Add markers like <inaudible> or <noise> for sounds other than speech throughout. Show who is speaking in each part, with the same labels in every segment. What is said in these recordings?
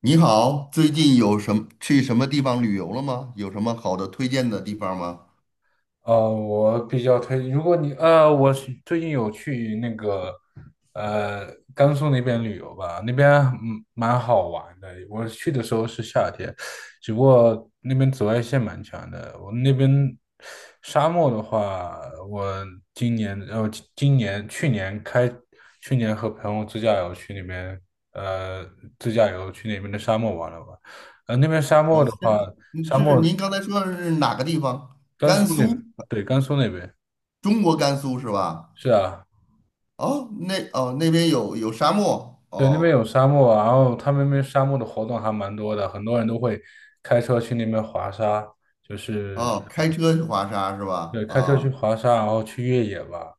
Speaker 1: 你好，最近有什么去什么地方旅游了吗？有什么好的推荐的地方吗？
Speaker 2: 我比较推，如果你我是最近有去那个呃甘肃那边旅游吧，那边蛮好玩的。我去的时候是夏天，只不过那边紫外线蛮强的。我那边沙漠的话，我今年呃今今年去年开去年和朋友自驾游去那边呃自驾游去那边的沙漠玩了玩。那边沙
Speaker 1: 啊，
Speaker 2: 漠的话，沙
Speaker 1: 是
Speaker 2: 漠
Speaker 1: 您刚才说的是哪个地方？
Speaker 2: 甘
Speaker 1: 甘
Speaker 2: 肃那
Speaker 1: 肃，
Speaker 2: 对甘肃那边。
Speaker 1: 中国甘肃是吧？
Speaker 2: 是啊。
Speaker 1: 哦，那边有沙漠
Speaker 2: 对，那边
Speaker 1: 哦。
Speaker 2: 有沙漠啊，然后他们那边沙漠的活动还蛮多的，很多人都会开车去那边滑沙。就是
Speaker 1: 哦，开车去滑沙是吧？
Speaker 2: 对，开车去
Speaker 1: 啊
Speaker 2: 滑沙，然后去越野吧，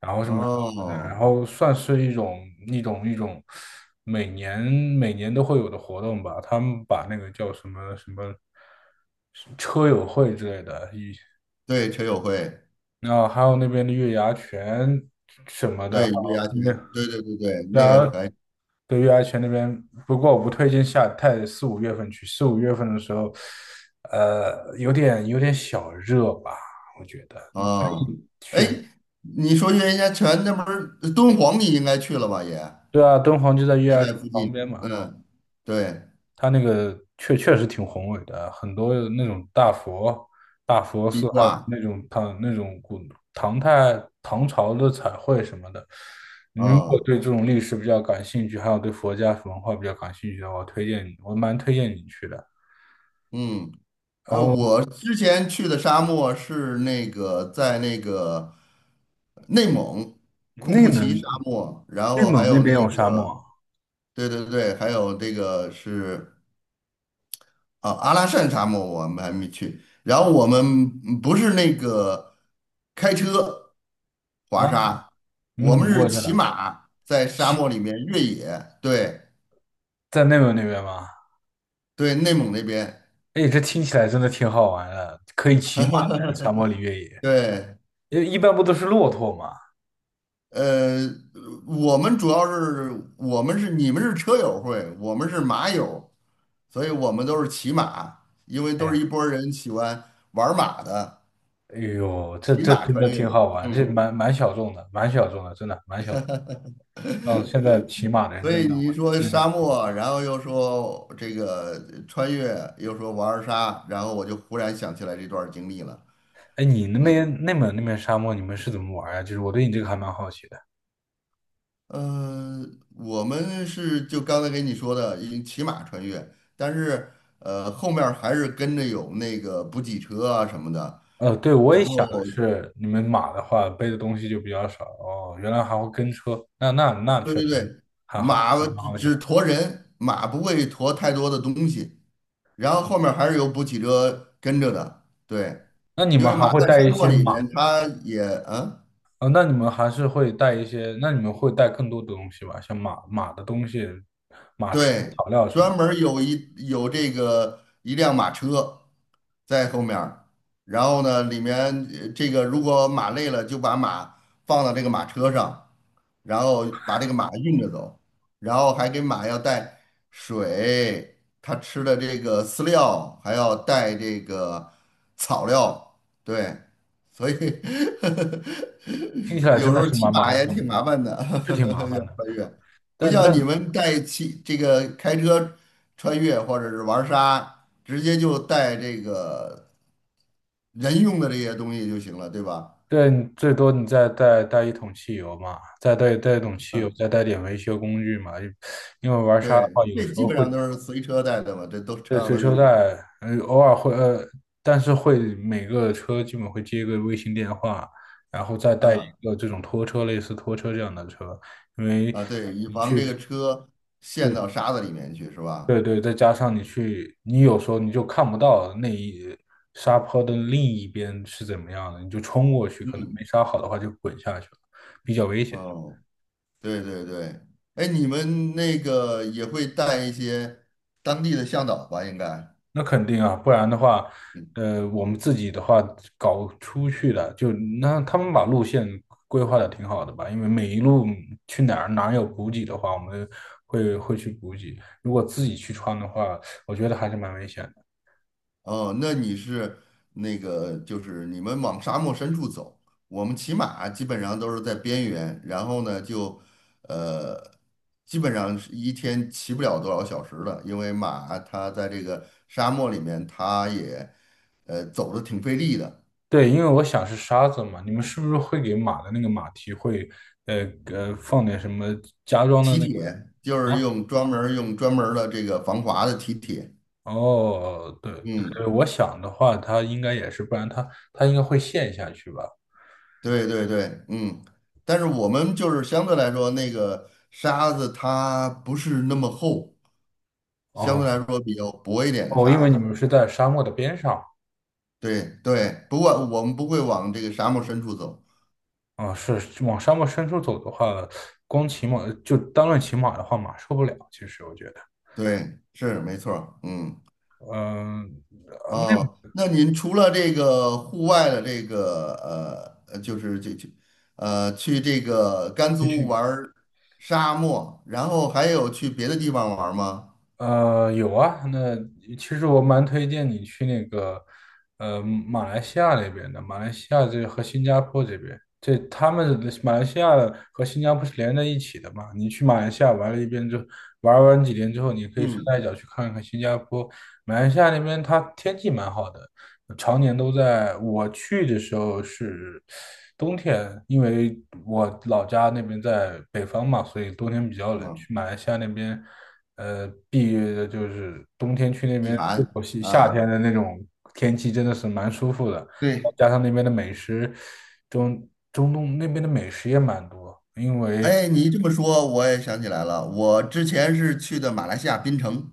Speaker 2: 然后是蛮好玩的，然
Speaker 1: 哦，
Speaker 2: 后算是一种每年每年都会有的活动吧，他们把那个叫什么什么车友会之类的。
Speaker 1: 对，车友会，
Speaker 2: 然后还有那边的月牙泉什么的，然
Speaker 1: 对月
Speaker 2: 后。
Speaker 1: 牙泉，
Speaker 2: 那边
Speaker 1: 对对对对，
Speaker 2: 对
Speaker 1: 那个
Speaker 2: 啊，
Speaker 1: 还
Speaker 2: 对月牙泉那边。不过我不推荐下太四五月份去，四五月份的时候，有点小热吧，我觉得。
Speaker 1: 啊，哦。哎，
Speaker 2: 选，
Speaker 1: 你说月牙泉那不是敦煌，你应该去了吧也？
Speaker 2: 对啊，敦煌就在月
Speaker 1: 就
Speaker 2: 牙泉
Speaker 1: 在附
Speaker 2: 旁
Speaker 1: 近，
Speaker 2: 边嘛。
Speaker 1: 嗯，对，
Speaker 2: 它那个确实挺宏伟的，很多那种大佛、大佛寺，
Speaker 1: 壁
Speaker 2: 还有
Speaker 1: 画，
Speaker 2: 那种唐那种古唐代唐朝的彩绘什么的。你如果
Speaker 1: 啊，
Speaker 2: 对这种历史比较感兴趣，还有对佛家文化比较感兴趣的话，我蛮推荐你去的。
Speaker 1: 嗯。
Speaker 2: 然后。
Speaker 1: 我之前去的沙漠是那个在那个内蒙库
Speaker 2: 内
Speaker 1: 布齐
Speaker 2: 蒙，
Speaker 1: 沙漠，然
Speaker 2: 内
Speaker 1: 后还
Speaker 2: 蒙那
Speaker 1: 有
Speaker 2: 边
Speaker 1: 那
Speaker 2: 有沙
Speaker 1: 个，
Speaker 2: 漠
Speaker 1: 对对对，还有这个是阿拉善沙漠，我们还没去。然后我们不是那个开车
Speaker 2: 啊？
Speaker 1: 滑沙，
Speaker 2: 你们
Speaker 1: 我
Speaker 2: 怎
Speaker 1: 们
Speaker 2: 么
Speaker 1: 是
Speaker 2: 过去
Speaker 1: 骑
Speaker 2: 的？
Speaker 1: 马在沙漠里面越野，对。
Speaker 2: 在内蒙那边吗？
Speaker 1: 对，内蒙那边。
Speaker 2: 哎，这听起来真的挺好玩的，可以骑马在沙漠里越野。
Speaker 1: 对，
Speaker 2: 因为一般不都是骆驼吗？
Speaker 1: 呃，我们主要是我们是你们是车友会，我们是马友，所以我们都是骑马，因为都
Speaker 2: 哎，
Speaker 1: 是一拨儿人喜欢玩儿马的，
Speaker 2: 哎呦，这
Speaker 1: 骑
Speaker 2: 这
Speaker 1: 马
Speaker 2: 真
Speaker 1: 穿
Speaker 2: 的
Speaker 1: 越。
Speaker 2: 挺好玩，这
Speaker 1: 嗯，
Speaker 2: 蛮小众的，蛮小众的，真的蛮小众。嗯，哦，现在骑马的
Speaker 1: <laughs>
Speaker 2: 人
Speaker 1: 所
Speaker 2: 真
Speaker 1: 以
Speaker 2: 的
Speaker 1: 你一
Speaker 2: 我
Speaker 1: 说
Speaker 2: 认
Speaker 1: 沙
Speaker 2: 识。
Speaker 1: 漠，然后又说这个穿越，又说玩儿沙，然后我就忽然想起来这段儿经历了。
Speaker 2: 哎，你那边内蒙那边沙漠，你们是怎么玩呀？就是我对你这个还蛮好奇的。
Speaker 1: 呃，我们是就刚才给你说的，已经骑马穿越，但是后面儿还是跟着有那个补给车啊什么的。
Speaker 2: 对，我
Speaker 1: 然
Speaker 2: 也想的
Speaker 1: 后，
Speaker 2: 是，你们马的话背的东西就比较少哦。原来还会跟车，那
Speaker 1: 对
Speaker 2: 确
Speaker 1: 对
Speaker 2: 实
Speaker 1: 对，
Speaker 2: 还好，
Speaker 1: 马
Speaker 2: 那蛮
Speaker 1: 只
Speaker 2: 好想。
Speaker 1: 只驮人，马不会驮太多的东西。然后后面儿还是有补给车跟着的，对，
Speaker 2: 那你
Speaker 1: 因
Speaker 2: 们
Speaker 1: 为
Speaker 2: 还
Speaker 1: 马
Speaker 2: 会
Speaker 1: 在
Speaker 2: 带一
Speaker 1: 沙漠
Speaker 2: 些
Speaker 1: 里
Speaker 2: 马？
Speaker 1: 面，它也嗯。
Speaker 2: 那你们还是会带一些，那你们会带更多的东西吧？像马的东西，马吃的
Speaker 1: 对，
Speaker 2: 草料什么，
Speaker 1: 专门儿有这个一辆马车在后面儿，然后呢，里面这个如果马累了，就把马放到这个马车上，然后把这个马运着走，然后还给马要带水，它吃的这个饲料，还要带这个草料，对，所以
Speaker 2: 听起
Speaker 1: <laughs>
Speaker 2: 来真
Speaker 1: 有时
Speaker 2: 的
Speaker 1: 候
Speaker 2: 是
Speaker 1: 骑
Speaker 2: 蛮麻
Speaker 1: 马
Speaker 2: 烦
Speaker 1: 也
Speaker 2: 的，
Speaker 1: 挺麻烦的，
Speaker 2: 是挺麻
Speaker 1: <laughs> 要
Speaker 2: 烦的。
Speaker 1: 穿越。不
Speaker 2: 但
Speaker 1: 像你
Speaker 2: 但
Speaker 1: 们这个开车穿越或者是玩沙，直接就带这个人用的这些东西就行了，对吧？
Speaker 2: 对，你最多你再带一桶汽油嘛，再带一桶汽油，
Speaker 1: 嗯，
Speaker 2: 再带点维修工具嘛。因为玩沙的
Speaker 1: 对，
Speaker 2: 话，有
Speaker 1: 这
Speaker 2: 时
Speaker 1: 基
Speaker 2: 候
Speaker 1: 本
Speaker 2: 会。
Speaker 1: 上都是随车带的嘛，这都车
Speaker 2: 对，
Speaker 1: 上
Speaker 2: 随
Speaker 1: 都
Speaker 2: 车
Speaker 1: 有嘛。
Speaker 2: 带，偶尔会，但是会每个车基本会接一个卫星电话，然后再带一
Speaker 1: 嗯，
Speaker 2: 个这种拖车，类似拖车这样的车，因为，
Speaker 1: 啊，对，以防这个车陷到
Speaker 2: 对
Speaker 1: 沙子里面去，是吧？
Speaker 2: 对对，再加上你去，你有时候你就看不到那一沙坡的另一边是怎么样的，你就冲过去，可能没
Speaker 1: 嗯，
Speaker 2: 刹好的话就滚下去了，比较危险。
Speaker 1: 哦，对对对，哎，你们那个也会带一些当地的向导吧？应该，
Speaker 2: 那肯定啊，不然的话，
Speaker 1: 嗯。
Speaker 2: 我们自己的话搞出去的，那他们把路线规划的挺好的吧？因为每一路去哪儿哪儿有补给的话，我们会去补给。如果自己去穿的话，我觉得还是蛮危险的。
Speaker 1: 哦，那你是那个，就是你们往沙漠深处走，我们骑马基本上都是在边缘，然后呢就，呃，基本上是一天骑不了多少小时了，因为马它在这个沙漠里面，它也，走的挺费力的，
Speaker 2: 对，因为我想是沙子嘛，你们是不是会给马的那个马蹄会，呃放点什么加装的
Speaker 1: 蹄
Speaker 2: 那个？
Speaker 1: 铁就是
Speaker 2: 啊？
Speaker 1: 用专门儿的这个防滑的蹄铁。
Speaker 2: 哦，对对
Speaker 1: 嗯，
Speaker 2: 对，我想的话，它应该也是，不然它应该会陷下去吧？
Speaker 1: 对对对，嗯，但是我们就是相对来说，那个沙子它不是那么厚，相对来
Speaker 2: 哦。
Speaker 1: 说比较薄一点的
Speaker 2: 哦，因
Speaker 1: 沙
Speaker 2: 为你
Speaker 1: 子。
Speaker 2: 们是在沙漠的边上。
Speaker 1: 对对，不过我们不会往这个沙漠深处走。
Speaker 2: 啊，是往沙漠深处走的话，光骑马就单论骑马的话，马受不了，其实我觉得。
Speaker 1: 对，是没错儿。嗯，
Speaker 2: 嗯，
Speaker 1: 哦，那您除了这个户外的这个就是去这个甘
Speaker 2: 继
Speaker 1: 肃
Speaker 2: 续。
Speaker 1: 玩儿沙漠，然后还有去别的地方玩儿吗？
Speaker 2: 有啊，那其实我蛮推荐你去那个，马来西亚那边的，马来西亚这和新加坡这边，这他们马来西亚和新加坡是连在一起的嘛？你去马来西亚玩了一遍之后，玩完几天之后，你可以顺
Speaker 1: 嗯
Speaker 2: 带脚去看看新加坡。马来西亚那边它天气蛮好的，常年都在。我去的时候是冬天，因为我老家那边在北方嘛，所以冬天比较冷。
Speaker 1: 嗯，
Speaker 2: 去马来西亚那边。避雨的就是冬天去那边，
Speaker 1: 避寒
Speaker 2: 夏天
Speaker 1: 啊，
Speaker 2: 的那种天气真的是蛮舒服的，
Speaker 1: 对。
Speaker 2: 加上那边的美食，中东那边的美食也蛮多。因为
Speaker 1: 哎，你这么说，我也想起来了，我之前是去的马来西亚槟城。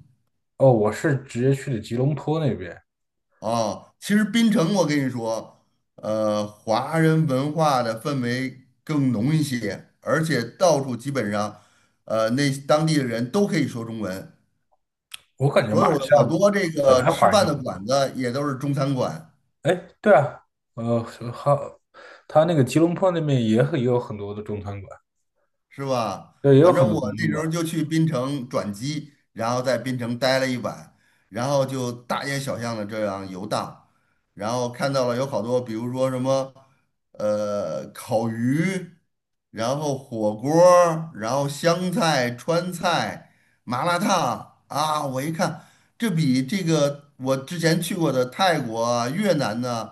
Speaker 2: 哦，我是直接去的吉隆坡那边。
Speaker 1: 哦，其实槟城，我跟你说，华人文化的氛围更浓一些，而且到处基本上，那当地的人都可以说中文，
Speaker 2: 我感觉
Speaker 1: 所
Speaker 2: 马来
Speaker 1: 有的
Speaker 2: 西亚
Speaker 1: 好多这
Speaker 2: 本
Speaker 1: 个
Speaker 2: 来
Speaker 1: 吃
Speaker 2: 华人
Speaker 1: 饭
Speaker 2: 就很，
Speaker 1: 的馆子也都是中餐馆。
Speaker 2: 哎，对啊，呃，好，他那个吉隆坡那边也也有很多的中餐馆，
Speaker 1: 是吧？
Speaker 2: 对，也有
Speaker 1: 反
Speaker 2: 很
Speaker 1: 正
Speaker 2: 多中
Speaker 1: 我那
Speaker 2: 餐
Speaker 1: 时
Speaker 2: 馆。
Speaker 1: 候就去槟城转机，然后在槟城待了一晚，然后就大街小巷的这样游荡，然后看到了有好多，比如说什么，烤鱼，然后火锅儿，然后湘菜、川菜、麻辣烫啊，我一看，这比这个我之前去过的泰国啊越南呢、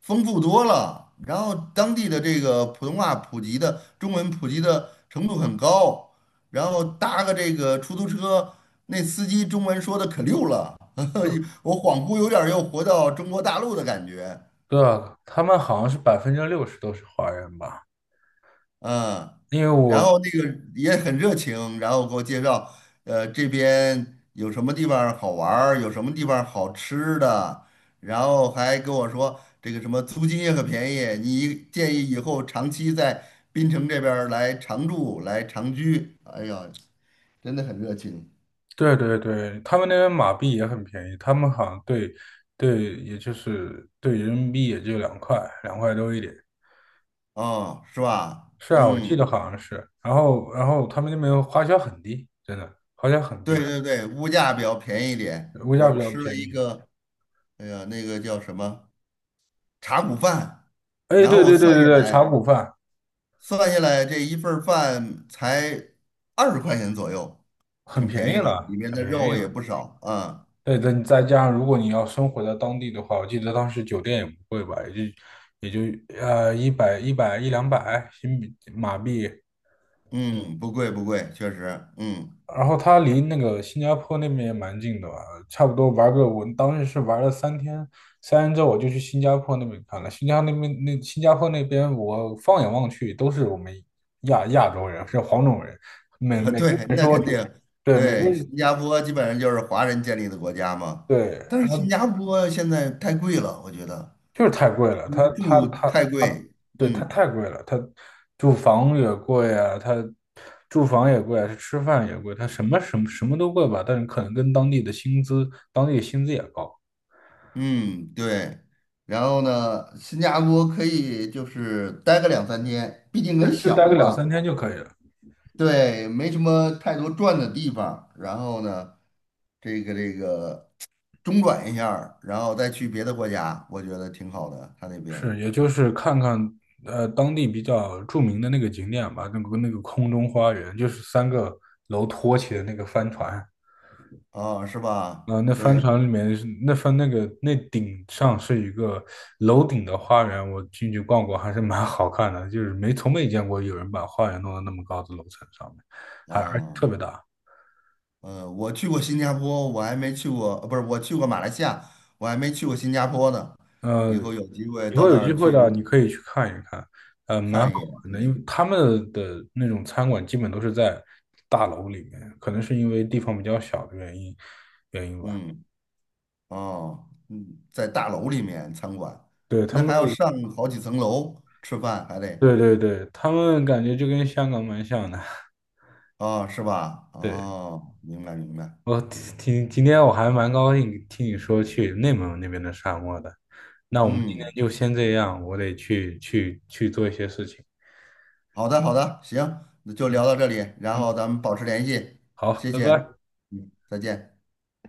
Speaker 1: 丰富多了。然后当地的这个普通话普及的中文普及的程度很高，然后搭个这个出租车，那司机中文说的可溜了，<laughs> 我恍惚有点儿又回到中国大陆的感觉。
Speaker 2: 对啊，他们好像是60%都是华人吧。
Speaker 1: 嗯，
Speaker 2: 因为
Speaker 1: 然
Speaker 2: 我
Speaker 1: 后那个也很热情，然后给我介绍，这边有什么地方儿好玩儿，有什么地方儿好吃的，然后还跟我说这个什么租金也很便宜，你建议以后长期在滨城这边儿来常住，来长居。哎呀，真的很热情。
Speaker 2: 对对对，他们那边马币也很便宜，他们好像对，也就是对人民币也就两块，2块多一点。
Speaker 1: 哦，是吧？
Speaker 2: 是啊，我记得
Speaker 1: 嗯，
Speaker 2: 好像是。然后他们那边花销很低，真的花销很
Speaker 1: 对
Speaker 2: 低，
Speaker 1: 对对，物价比较便宜一点。
Speaker 2: 物价
Speaker 1: 我
Speaker 2: 比较
Speaker 1: 吃了
Speaker 2: 便
Speaker 1: 一
Speaker 2: 宜。
Speaker 1: 个，哎呀，那个叫什么茶骨饭，
Speaker 2: 哎，
Speaker 1: 然后
Speaker 2: 对
Speaker 1: 我
Speaker 2: 对对
Speaker 1: 算
Speaker 2: 对
Speaker 1: 下
Speaker 2: 对，茶
Speaker 1: 来。
Speaker 2: 谷饭
Speaker 1: 算下来这一份儿饭才20块钱左右，
Speaker 2: 很
Speaker 1: 挺
Speaker 2: 便宜
Speaker 1: 便宜的，里
Speaker 2: 了，
Speaker 1: 面
Speaker 2: 很
Speaker 1: 的
Speaker 2: 便宜
Speaker 1: 肉也
Speaker 2: 了。
Speaker 1: 不少啊。
Speaker 2: 对，再加上如果你要生活在当地的话，我记得当时酒店也不贵吧，也就一两百新币马币。
Speaker 1: 嗯，不贵不贵，确实，嗯
Speaker 2: 然后他离那个新加坡那边也蛮近的吧，差不多玩个，我当时是玩了三天，三天之后我就去新加坡那边看了。新加坡那边，我放眼望去都是我们亚洲人，是黄种人，
Speaker 1: 啊，<laughs>
Speaker 2: 每个
Speaker 1: 对，
Speaker 2: 人
Speaker 1: 那
Speaker 2: 说，
Speaker 1: 肯
Speaker 2: 就
Speaker 1: 定，
Speaker 2: 对，每个
Speaker 1: 对，
Speaker 2: 人，
Speaker 1: 新加坡基本上就是华人建立的国家嘛，
Speaker 2: 对，
Speaker 1: 但
Speaker 2: 然
Speaker 1: 是新
Speaker 2: 后
Speaker 1: 加坡现在太贵了，我觉得
Speaker 2: 就是太贵了，他他
Speaker 1: 住
Speaker 2: 他
Speaker 1: 太
Speaker 2: 他，
Speaker 1: 贵，
Speaker 2: 对他
Speaker 1: 嗯
Speaker 2: 太贵了，他住房也贵啊，他住房也贵啊，吃饭也贵，他什么都贵吧，但是可能跟当地的薪资，当地的薪资也高。
Speaker 1: 嗯，对。然后呢，新加坡可以就是待个两三天，毕竟很
Speaker 2: 就
Speaker 1: 小
Speaker 2: 待个两
Speaker 1: 嘛。
Speaker 2: 三天就可以了。
Speaker 1: 对，没什么太多转的地方，然后呢，这个中转一下儿，然后再去别的国家，我觉得挺好的。他那边
Speaker 2: 是，也就是看看当地比较著名的那个景点吧，那个空中花园，就是三个楼托起的那个帆船。
Speaker 1: 啊，是吧？
Speaker 2: 那帆
Speaker 1: 对
Speaker 2: 船里面是那顶上是一个楼顶的花园，我进去逛过，还是蛮好看的，就是没从没见过有人把花园弄到那么高的楼层上面，而且特
Speaker 1: 啊，
Speaker 2: 别大。
Speaker 1: 我去过新加坡，我还没去过，呃不是，我去过马来西亚，我还没去过新加坡呢。
Speaker 2: 呃，
Speaker 1: 以后有机会
Speaker 2: 以
Speaker 1: 到
Speaker 2: 后
Speaker 1: 那
Speaker 2: 有机
Speaker 1: 儿
Speaker 2: 会的，
Speaker 1: 去
Speaker 2: 你可以去看一看，蛮
Speaker 1: 看
Speaker 2: 好
Speaker 1: 一眼。
Speaker 2: 玩的，因
Speaker 1: 对，
Speaker 2: 为他们的那种餐馆基本都是在大楼里面，可能是因为地方比较小的原因，原因吧。
Speaker 1: 嗯，哦，嗯，在大楼里面餐馆，
Speaker 2: 对，他
Speaker 1: 那
Speaker 2: 们，
Speaker 1: 还要上好几层楼吃饭，还得。
Speaker 2: 对对对，他们感觉就跟香港蛮像的。
Speaker 1: 哦，是吧？
Speaker 2: 对，
Speaker 1: 哦，明白明白。
Speaker 2: 我今天我还蛮高兴听你说去内蒙那边的沙漠的，那我们今天
Speaker 1: 嗯，
Speaker 2: 就先这样，我得去做一些事情。
Speaker 1: 好的好的，行，那就
Speaker 2: 嗯
Speaker 1: 聊到这里，然后
Speaker 2: 嗯，
Speaker 1: 咱们保持联系，
Speaker 2: 好，
Speaker 1: 谢
Speaker 2: 拜
Speaker 1: 谢。
Speaker 2: 拜。
Speaker 1: 嗯，再见。